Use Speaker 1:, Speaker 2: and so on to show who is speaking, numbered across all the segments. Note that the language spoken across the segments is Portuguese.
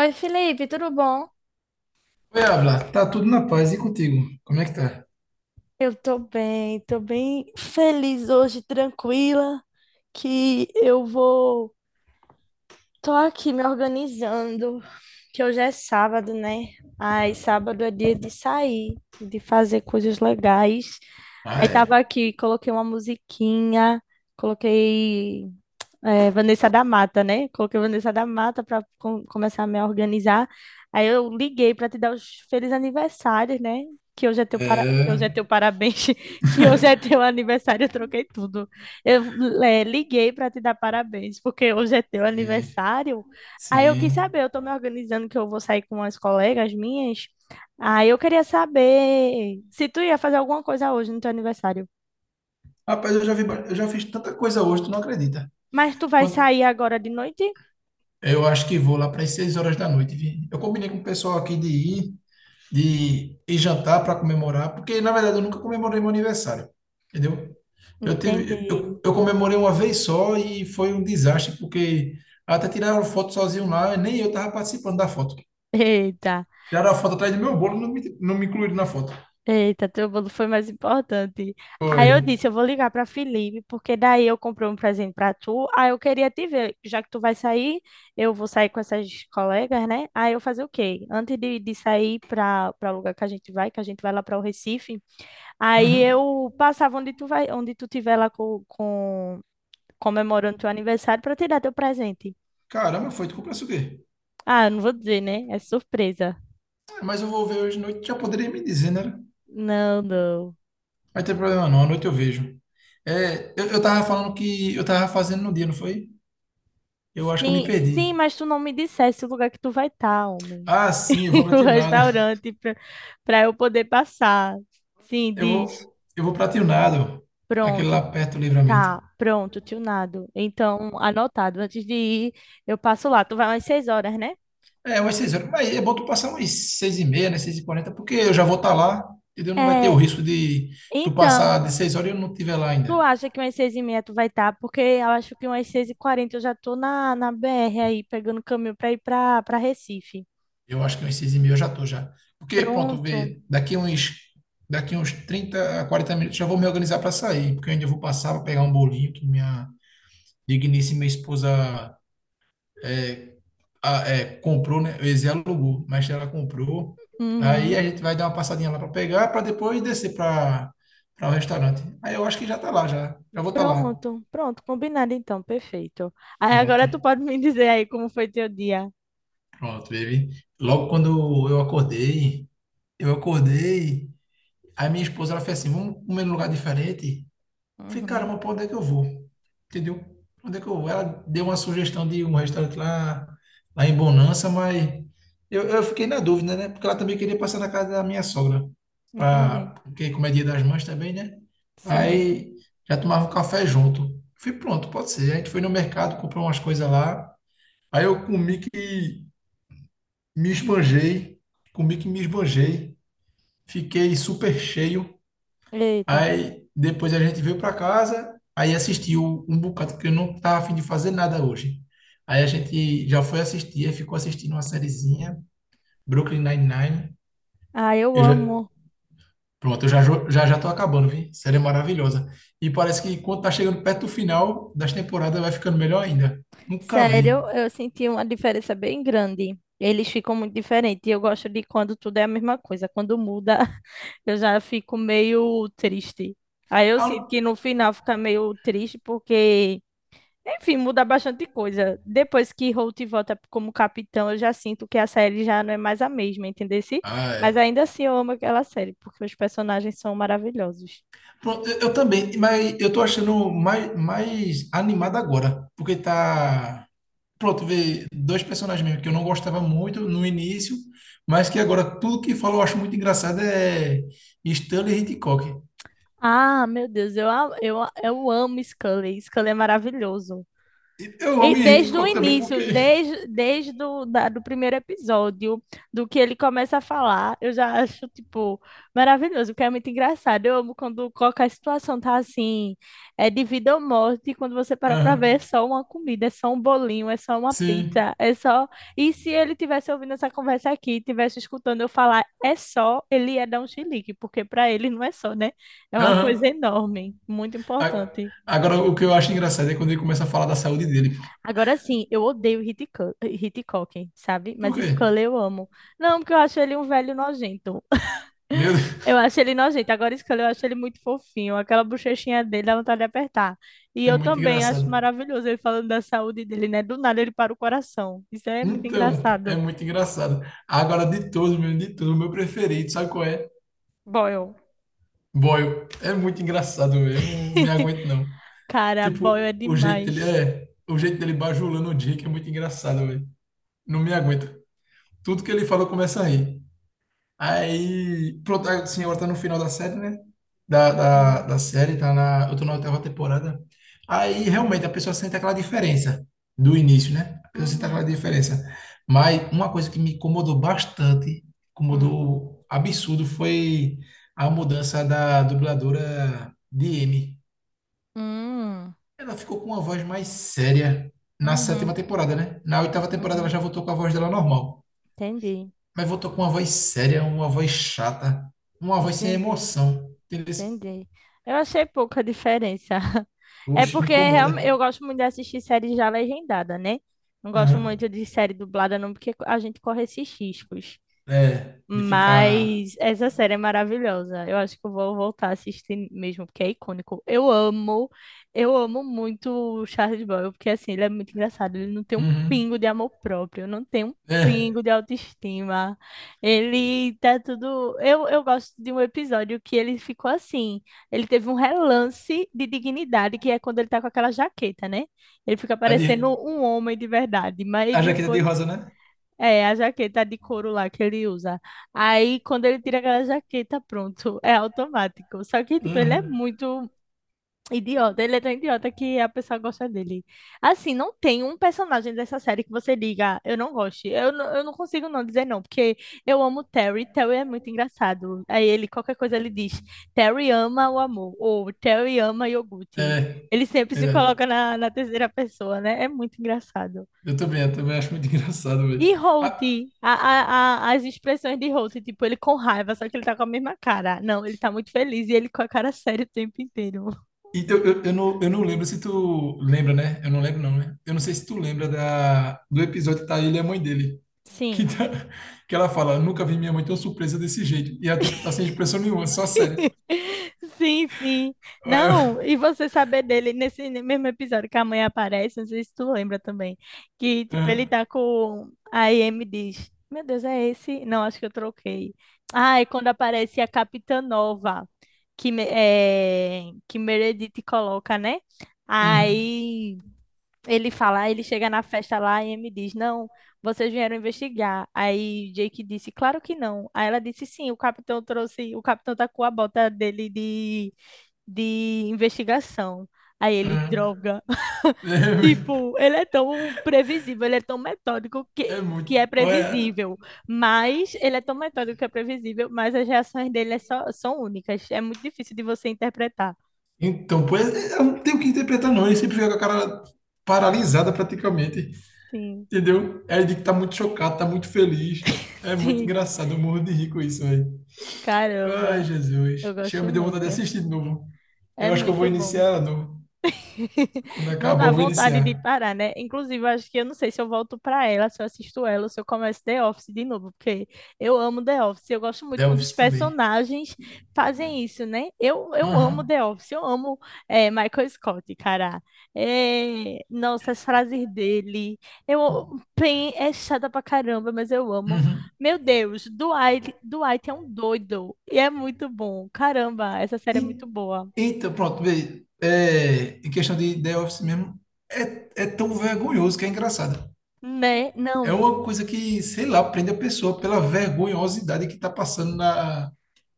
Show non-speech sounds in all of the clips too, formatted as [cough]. Speaker 1: Oi, Felipe, tudo bom?
Speaker 2: Oi, Avla, tá tudo na paz e contigo? Como é que tá?
Speaker 1: Eu tô bem feliz hoje, tranquila, que eu vou. Tô aqui me organizando, que hoje é sábado, né? Aí, sábado é dia de sair, de fazer coisas legais.
Speaker 2: Ah,
Speaker 1: Aí, tava
Speaker 2: é.
Speaker 1: aqui, coloquei uma musiquinha, coloquei. É, Vanessa da Mata, né? Coloquei Vanessa da Mata para começar a me organizar. Aí eu liguei para te dar os felizes aniversários, né? Que hoje é teu para...
Speaker 2: É,
Speaker 1: que hoje é teu parabéns, [laughs] que hoje é teu aniversário, eu troquei tudo. Eu é, liguei para te dar parabéns, porque hoje é teu
Speaker 2: sim,
Speaker 1: aniversário. Aí eu quis
Speaker 2: sim.
Speaker 1: saber, eu tô me organizando que eu vou sair com umas colegas minhas. Aí eu queria saber se tu ia fazer alguma coisa hoje no teu aniversário.
Speaker 2: Rapaz, eu já vi, eu já fiz tanta coisa hoje, tu não acredita.
Speaker 1: Mas tu vai
Speaker 2: Quant-
Speaker 1: sair agora de noite?
Speaker 2: Eu acho que vou lá para as 6 horas da noite, vi? Eu combinei com o pessoal aqui de ir jantar para comemorar, porque na verdade eu nunca comemorei meu aniversário, entendeu? Eu
Speaker 1: Entendi.
Speaker 2: tive, eu, eu comemorei uma vez só e foi um desastre, porque até tiraram foto sozinho lá, nem eu tava participando da foto.
Speaker 1: Eita,
Speaker 2: Tiraram a foto atrás do meu bolo, não me incluíram na foto.
Speaker 1: eita, teu bolo foi mais importante.
Speaker 2: Foi.
Speaker 1: Aí eu disse, eu vou ligar para Felipe, porque daí eu comprei um presente para tu. Aí eu queria te ver, já que tu vai sair, eu vou sair com essas colegas, né? Aí eu fazer o quê? Antes de sair para o lugar que a gente vai, que a gente vai lá para o Recife, aí
Speaker 2: Uhum.
Speaker 1: eu passava onde tu vai, onde tu tiver lá com comemorando teu aniversário para te dar teu presente.
Speaker 2: Caramba, foi. Tu comprasse o quê?
Speaker 1: Ah, não vou dizer, né? É surpresa.
Speaker 2: Ah, mas eu vou ver hoje de noite. Já poderia me dizer, né?
Speaker 1: Não, não.
Speaker 2: Vai ter problema não. À noite eu vejo. É, eu tava falando que eu tava fazendo no dia, não foi? Eu acho que eu me
Speaker 1: Sim, sim,
Speaker 2: perdi.
Speaker 1: mas tu não me dissesse o lugar que tu vai estar, homem.
Speaker 2: Ah, sim, eu vou pra
Speaker 1: [laughs] O
Speaker 2: Tionado. [laughs]
Speaker 1: restaurante pra, pra eu poder passar. Sim,
Speaker 2: Eu
Speaker 1: diz.
Speaker 2: vou, eu vou pra Tionado. Aquele
Speaker 1: Pronto,
Speaker 2: lá perto do Livramento.
Speaker 1: tá. Pronto, tunado. Então, anotado. Antes de ir, eu passo lá. Tu vai umas seis horas, né?
Speaker 2: É, umas 6 horas. Mas é bom tu passar umas 6:30, né? 6:40, porque eu já vou estar lá. Entendeu? Não vai ter o
Speaker 1: É,
Speaker 2: risco de tu passar
Speaker 1: então,
Speaker 2: de 6 horas e eu não estiver lá
Speaker 1: tu
Speaker 2: ainda.
Speaker 1: acha que umas seis e meia tu vai estar? Porque eu acho que umas seis e quarenta eu já tô na BR aí, pegando caminho pra ir pra, pra Recife.
Speaker 2: Eu acho que uns 6,5 eu já tô já. Porque, pronto,
Speaker 1: Pronto.
Speaker 2: vê, daqui uns 30 a 40 minutos já vou me organizar para sair, porque eu ainda vou passar para pegar um bolinho que minha digníssima esposa é, comprou, né? Eu ia dizer alugou, mas ela comprou. Aí
Speaker 1: Uhum.
Speaker 2: a gente vai dar uma passadinha lá para pegar, para depois descer para o restaurante. Aí eu acho que já tá lá, já. Já vou estar lá.
Speaker 1: Pronto, pronto, combinado então, perfeito. Aí
Speaker 2: Pronto,
Speaker 1: agora tu pode me [laughs] dizer aí como foi teu dia.
Speaker 2: pronto, baby. Logo quando eu acordei, eu acordei. Aí minha esposa, ela fez assim, vamos comer num lugar diferente? Eu falei,
Speaker 1: Uhum,
Speaker 2: caramba, pra onde é que eu vou? Entendeu? Pra onde é que eu vou? Ela deu uma sugestão de um restaurante lá, lá em Bonança, mas eu fiquei na dúvida, né? Porque ela também queria passar na casa da minha sogra,
Speaker 1: entendi.
Speaker 2: porque como é dia das mães também, né?
Speaker 1: Sim.
Speaker 2: Aí já tomava um café junto. Eu falei, pronto, pode ser. A gente foi no mercado, comprou umas coisas lá. Aí eu comi que me esbanjei, comi que me esbanjei. Fiquei super cheio.
Speaker 1: Eita.
Speaker 2: Aí depois a gente veio para casa, aí assistiu um bocado, porque eu não estava a fim de fazer nada hoje. Aí a gente já foi assistir, aí ficou assistindo uma sériezinha, Brooklyn Nine-Nine.
Speaker 1: Ah, eu
Speaker 2: Eu já,
Speaker 1: amo.
Speaker 2: pronto, eu já, já tô acabando, vi? Série maravilhosa. E parece que quando tá chegando perto do final das temporadas vai ficando melhor ainda. Nunca vi.
Speaker 1: Sério, eu senti uma diferença bem grande. Eles ficam muito diferentes. E eu gosto de quando tudo é a mesma coisa. Quando muda, [laughs] eu já fico meio triste. Aí eu
Speaker 2: Ah, eu
Speaker 1: sinto
Speaker 2: não-
Speaker 1: que no final fica meio triste porque enfim, muda bastante coisa. Depois que Holt volta como capitão, eu já sinto que a série já não é mais a mesma, entendeu?
Speaker 2: ah,
Speaker 1: Mas
Speaker 2: é.
Speaker 1: ainda assim eu amo aquela série, porque os personagens são maravilhosos.
Speaker 2: Pronto, eu também, mas eu tô achando mais animado agora, porque tá pronto, ver dois personagens mesmo que eu não gostava muito no início, mas que agora tudo que fala eu acho muito engraçado é Stanley Hitchcock.
Speaker 1: Ah, meu Deus, eu amo Scully. Scully é maravilhoso.
Speaker 2: Eu
Speaker 1: E
Speaker 2: amo
Speaker 1: desde o
Speaker 2: Hitchcock também porque.
Speaker 1: início, do primeiro episódio, do que ele começa a falar, eu já acho, tipo, maravilhoso, porque é muito engraçado. Eu amo quando qualquer situação tá assim, é de vida ou morte, e quando você para pra
Speaker 2: Aham,
Speaker 1: ver, é só uma comida, é só um bolinho, é só uma
Speaker 2: sim.
Speaker 1: pizza, é só... E se ele tivesse ouvindo essa conversa aqui, tivesse escutando eu falar, é só, ele ia dar um chilique, porque pra ele não é só, né? É uma coisa
Speaker 2: Aham.
Speaker 1: enorme, muito
Speaker 2: A-
Speaker 1: importante.
Speaker 2: Agora, o que eu acho engraçado é quando ele começa a falar da saúde dele.
Speaker 1: Agora sim, eu odeio Hitchcock, sabe?
Speaker 2: Por
Speaker 1: Mas
Speaker 2: quê?
Speaker 1: Scully eu amo. Não, porque eu acho ele um velho nojento. [laughs]
Speaker 2: Meu
Speaker 1: Eu
Speaker 2: Deus,
Speaker 1: acho ele nojento. Agora Scully eu acho ele muito fofinho. Aquela bochechinha dele dá vontade de apertar. E
Speaker 2: é
Speaker 1: eu
Speaker 2: muito
Speaker 1: também acho
Speaker 2: engraçado.
Speaker 1: maravilhoso ele falando da saúde dele, né? Do nada ele para o coração. Isso é muito
Speaker 2: Então, é
Speaker 1: engraçado.
Speaker 2: muito engraçado. Agora, de todos, de todos, o meu preferido, sabe qual é?
Speaker 1: Boyle.
Speaker 2: Boyle. É muito engraçado, eu não me
Speaker 1: [laughs]
Speaker 2: aguento, não.
Speaker 1: Cara, Boyle é
Speaker 2: Tipo, o jeito dele
Speaker 1: demais.
Speaker 2: é, o jeito dele bajulando o Jake é muito engraçado, velho. Não me aguento. Tudo que ele falou começa a rir. Aí, pronto, a senhora tá no final da série, né? Da, da,
Speaker 1: Sim.
Speaker 2: da série, eu tô na oitava temporada. Aí, realmente, a pessoa sente aquela diferença do início, né? A pessoa sente aquela
Speaker 1: Uhum.
Speaker 2: diferença. Mas uma coisa que me incomodou bastante,
Speaker 1: Hum.
Speaker 2: incomodou absurdo, foi a mudança da dubladora de M,
Speaker 1: Hum.
Speaker 2: ela ficou com uma voz mais séria na
Speaker 1: Uhum.
Speaker 2: sétima temporada, né? Na oitava temporada ela
Speaker 1: Uhum.
Speaker 2: já voltou com a voz dela normal.
Speaker 1: Entendi.
Speaker 2: Mas voltou com uma voz séria, uma voz chata, uma voz sem
Speaker 1: Entendi.
Speaker 2: emoção. Entendeu?
Speaker 1: Entendi. Eu achei pouca diferença. [laughs] É
Speaker 2: Oxe, me
Speaker 1: porque
Speaker 2: incomoda.
Speaker 1: eu gosto muito de assistir série já legendada, né? Não gosto
Speaker 2: Aham.
Speaker 1: muito de série dublada, não, porque a gente corre esses riscos.
Speaker 2: É, de ficar.
Speaker 1: Mas essa série é maravilhosa. Eu acho que eu vou voltar a assistir mesmo, porque é icônico. Eu amo muito o Charles Boyle, porque assim, ele é muito engraçado. Ele não tem um pingo
Speaker 2: Uhum.
Speaker 1: de amor próprio, não tem um
Speaker 2: É,
Speaker 1: pingo de autoestima. Ele tá tudo. Eu gosto de um episódio que ele ficou assim. Ele teve um relance de dignidade, que é quando ele tá com aquela jaqueta, né? Ele fica
Speaker 2: a,
Speaker 1: parecendo
Speaker 2: de...
Speaker 1: um homem de verdade. Mas
Speaker 2: a jaqueta de
Speaker 1: depois
Speaker 2: rosa, né?
Speaker 1: é, a jaqueta de couro lá que ele usa. Aí, quando ele tira aquela jaqueta, pronto, é automático. Só que, tipo, ele é
Speaker 2: Uhum.
Speaker 1: muito idiota. Ele é tão idiota que a pessoa gosta dele. Assim, não tem um personagem dessa série que você diga, eu não gosto. Eu, eu não consigo não dizer não, porque eu amo o Terry. Terry é muito engraçado. Aí ele, qualquer coisa, ele diz, Terry ama o amor, ou Terry ama iogurte.
Speaker 2: É,
Speaker 1: Ele sempre se
Speaker 2: verdade.
Speaker 1: coloca na terceira pessoa, né? É muito engraçado.
Speaker 2: Eu também acho muito [laughs] engraçado, velho.
Speaker 1: E Holt, as expressões de Holt, tipo, ele com raiva, só que ele tá com a mesma cara. Não, ele tá muito feliz e ele com a cara séria o tempo inteiro.
Speaker 2: Então, não, eu não lembro se tu lembra, né? Eu não lembro, não, né? Eu não sei se tu lembra do episódio que tá ele e a mãe dele. Que,
Speaker 1: Sim.
Speaker 2: tá, [laughs] que ela fala, nunca vi minha mãe tão surpresa desse jeito. E ela, tipo, tá sem expressão nenhuma, só séria.
Speaker 1: [laughs] Sim, sim.
Speaker 2: Ué,
Speaker 1: Não, e você saber dele nesse mesmo episódio que a mãe aparece, não sei se tu lembra também, que tipo, ele tá com a Amy diz: "Meu Deus, é esse? Não, acho que eu troquei". Ah, e quando aparece a Capitã Nova, que é, que Meredith coloca, né?
Speaker 2: uhum,
Speaker 1: Aí ele fala, "Ah, ele chega na festa lá e me diz, não, vocês vieram investigar. Aí Jake disse, claro que não. Aí ela disse, sim, o capitão trouxe, o capitão tá com a bota dele de investigação. Aí ele,
Speaker 2: uhum.
Speaker 1: droga. [laughs] Tipo,
Speaker 2: É,
Speaker 1: ele é tão previsível, ele é tão metódico
Speaker 2: é muito.
Speaker 1: que é
Speaker 2: Ué.
Speaker 1: previsível. Mas ele é tão metódico que é previsível, mas as reações dele é são únicas. É muito difícil de você interpretar.
Speaker 2: Então, pois, é, eu não tenho o que interpretar, não. Ele sempre fica com a cara paralisada, praticamente.
Speaker 1: Sim,
Speaker 2: Entendeu? Aí ele diz que tá muito chocado, tá muito feliz.
Speaker 1: [laughs]
Speaker 2: É muito
Speaker 1: sim.
Speaker 2: engraçado, eu morro de rir com isso, velho. Ai,
Speaker 1: Caramba,
Speaker 2: Jesus.
Speaker 1: eu
Speaker 2: Chega,
Speaker 1: gosto
Speaker 2: me deu vontade de
Speaker 1: muito.
Speaker 2: assistir de novo.
Speaker 1: É
Speaker 2: Eu acho que eu vou
Speaker 1: muito
Speaker 2: iniciar
Speaker 1: bom.
Speaker 2: ela de novo.
Speaker 1: [laughs]
Speaker 2: Quando
Speaker 1: Não
Speaker 2: acabar,
Speaker 1: dá
Speaker 2: eu vou
Speaker 1: vontade de
Speaker 2: iniciar.
Speaker 1: parar, né? Inclusive, eu acho que eu não sei se eu volto para ela, se eu assisto ela, ou se eu começo The Office de novo, porque eu amo The Office. Eu gosto muito quando os
Speaker 2: Delves também.
Speaker 1: personagens fazem isso, né? Eu amo
Speaker 2: Aham.
Speaker 1: The Office, eu amo é, Michael Scott, cara. É, nossa, as frases dele. Eu, pen é chata pra caramba, mas eu amo.
Speaker 2: Uhum.
Speaker 1: Meu Deus, Dwight é um doido. E é muito bom. Caramba, essa série é
Speaker 2: E-
Speaker 1: muito boa.
Speaker 2: Eita, pronto, vê. É, em questão de The Office mesmo, é tão vergonhoso que é engraçado.
Speaker 1: Né?
Speaker 2: É
Speaker 1: Não,
Speaker 2: uma coisa que, sei lá, prende a pessoa pela vergonhosidade que tá passando na,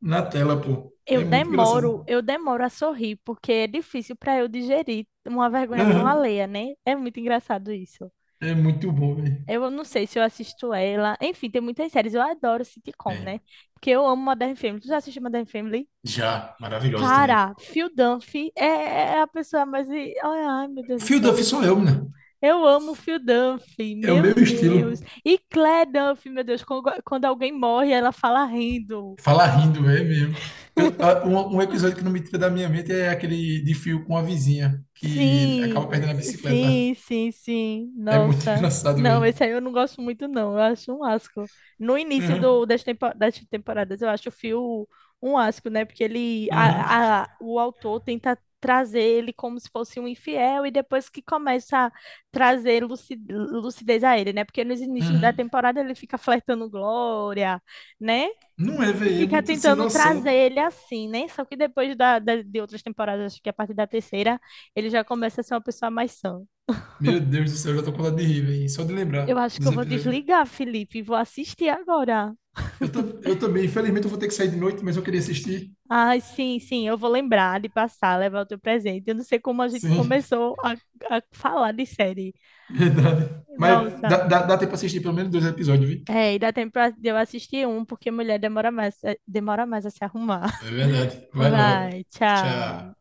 Speaker 2: na tela, pô.
Speaker 1: Eu
Speaker 2: É muito
Speaker 1: demoro,
Speaker 2: engraçado.
Speaker 1: eu demoro a sorrir, porque é difícil para eu digerir uma vergonha tão
Speaker 2: Aham.
Speaker 1: alheia, né? É muito engraçado isso.
Speaker 2: É muito bom, velho.
Speaker 1: Eu não sei se eu assisto ela. Enfim, tem muitas séries. Eu adoro sitcom, né?
Speaker 2: Bem,
Speaker 1: Porque eu amo Modern Family. Tu já assistiu Modern Family?
Speaker 2: já, maravilhosa também.
Speaker 1: Cara, Phil Dunphy é é a pessoa mais. I- Ai, ai, meu Deus do
Speaker 2: Fio
Speaker 1: céu.
Speaker 2: Duff sou eu, né?
Speaker 1: Eu amo Phil Dunphy,
Speaker 2: É o
Speaker 1: meu
Speaker 2: meu
Speaker 1: Deus.
Speaker 2: estilo.
Speaker 1: E Claire Dunphy, meu Deus, quando alguém morre, ela fala rindo.
Speaker 2: Fala rindo, é mesmo. Um episódio que não me tira da minha mente é aquele de fio com a vizinha, que
Speaker 1: Sim,
Speaker 2: acaba perdendo a
Speaker 1: eh,
Speaker 2: bicicleta.
Speaker 1: sim, sim, sim.
Speaker 2: É muito [laughs]
Speaker 1: Nossa.
Speaker 2: engraçado,
Speaker 1: Não,
Speaker 2: velho.
Speaker 1: esse aí eu não gosto muito, não. Eu acho um asco. No início do,
Speaker 2: Uhum,
Speaker 1: das, das temporadas, eu acho o Phil um asco, né? Porque ele,
Speaker 2: uhum,
Speaker 1: o autor tenta trazer ele como se fosse um infiel e depois que começa a trazer lucidez a ele, né? Porque nos inícios da
Speaker 2: uhum.
Speaker 1: temporada ele fica flertando Glória, né?
Speaker 2: Não é, velho, é
Speaker 1: Fica
Speaker 2: muito sem
Speaker 1: tentando
Speaker 2: noção.
Speaker 1: trazer ele assim, né? Só que depois de outras temporadas, acho que a partir da terceira. Ele já começa a ser uma pessoa mais sã.
Speaker 2: Meu Deus do céu, eu já tô com vontade de rir, velho. Só de lembrar
Speaker 1: Eu acho que
Speaker 2: dos
Speaker 1: eu vou
Speaker 2: episódios.
Speaker 1: desligar, Felipe, e vou assistir agora.
Speaker 2: Eu também, infelizmente, eu vou ter que sair de noite, mas eu queria assistir.
Speaker 1: Ah, sim, sim, eu vou lembrar de passar, levar o teu presente. Eu não sei como a gente
Speaker 2: Sim,
Speaker 1: começou a falar de série.
Speaker 2: [laughs] verdade. Mas
Speaker 1: Nossa,
Speaker 2: dá tempo pra assistir pelo menos dois episódios, viu?
Speaker 1: é, e dá tempo de eu assistir um, porque mulher demora mais, é, demora mais a se arrumar.
Speaker 2: É verdade.
Speaker 1: [laughs]
Speaker 2: Vai logo.
Speaker 1: Vai, tchau.
Speaker 2: Tchau.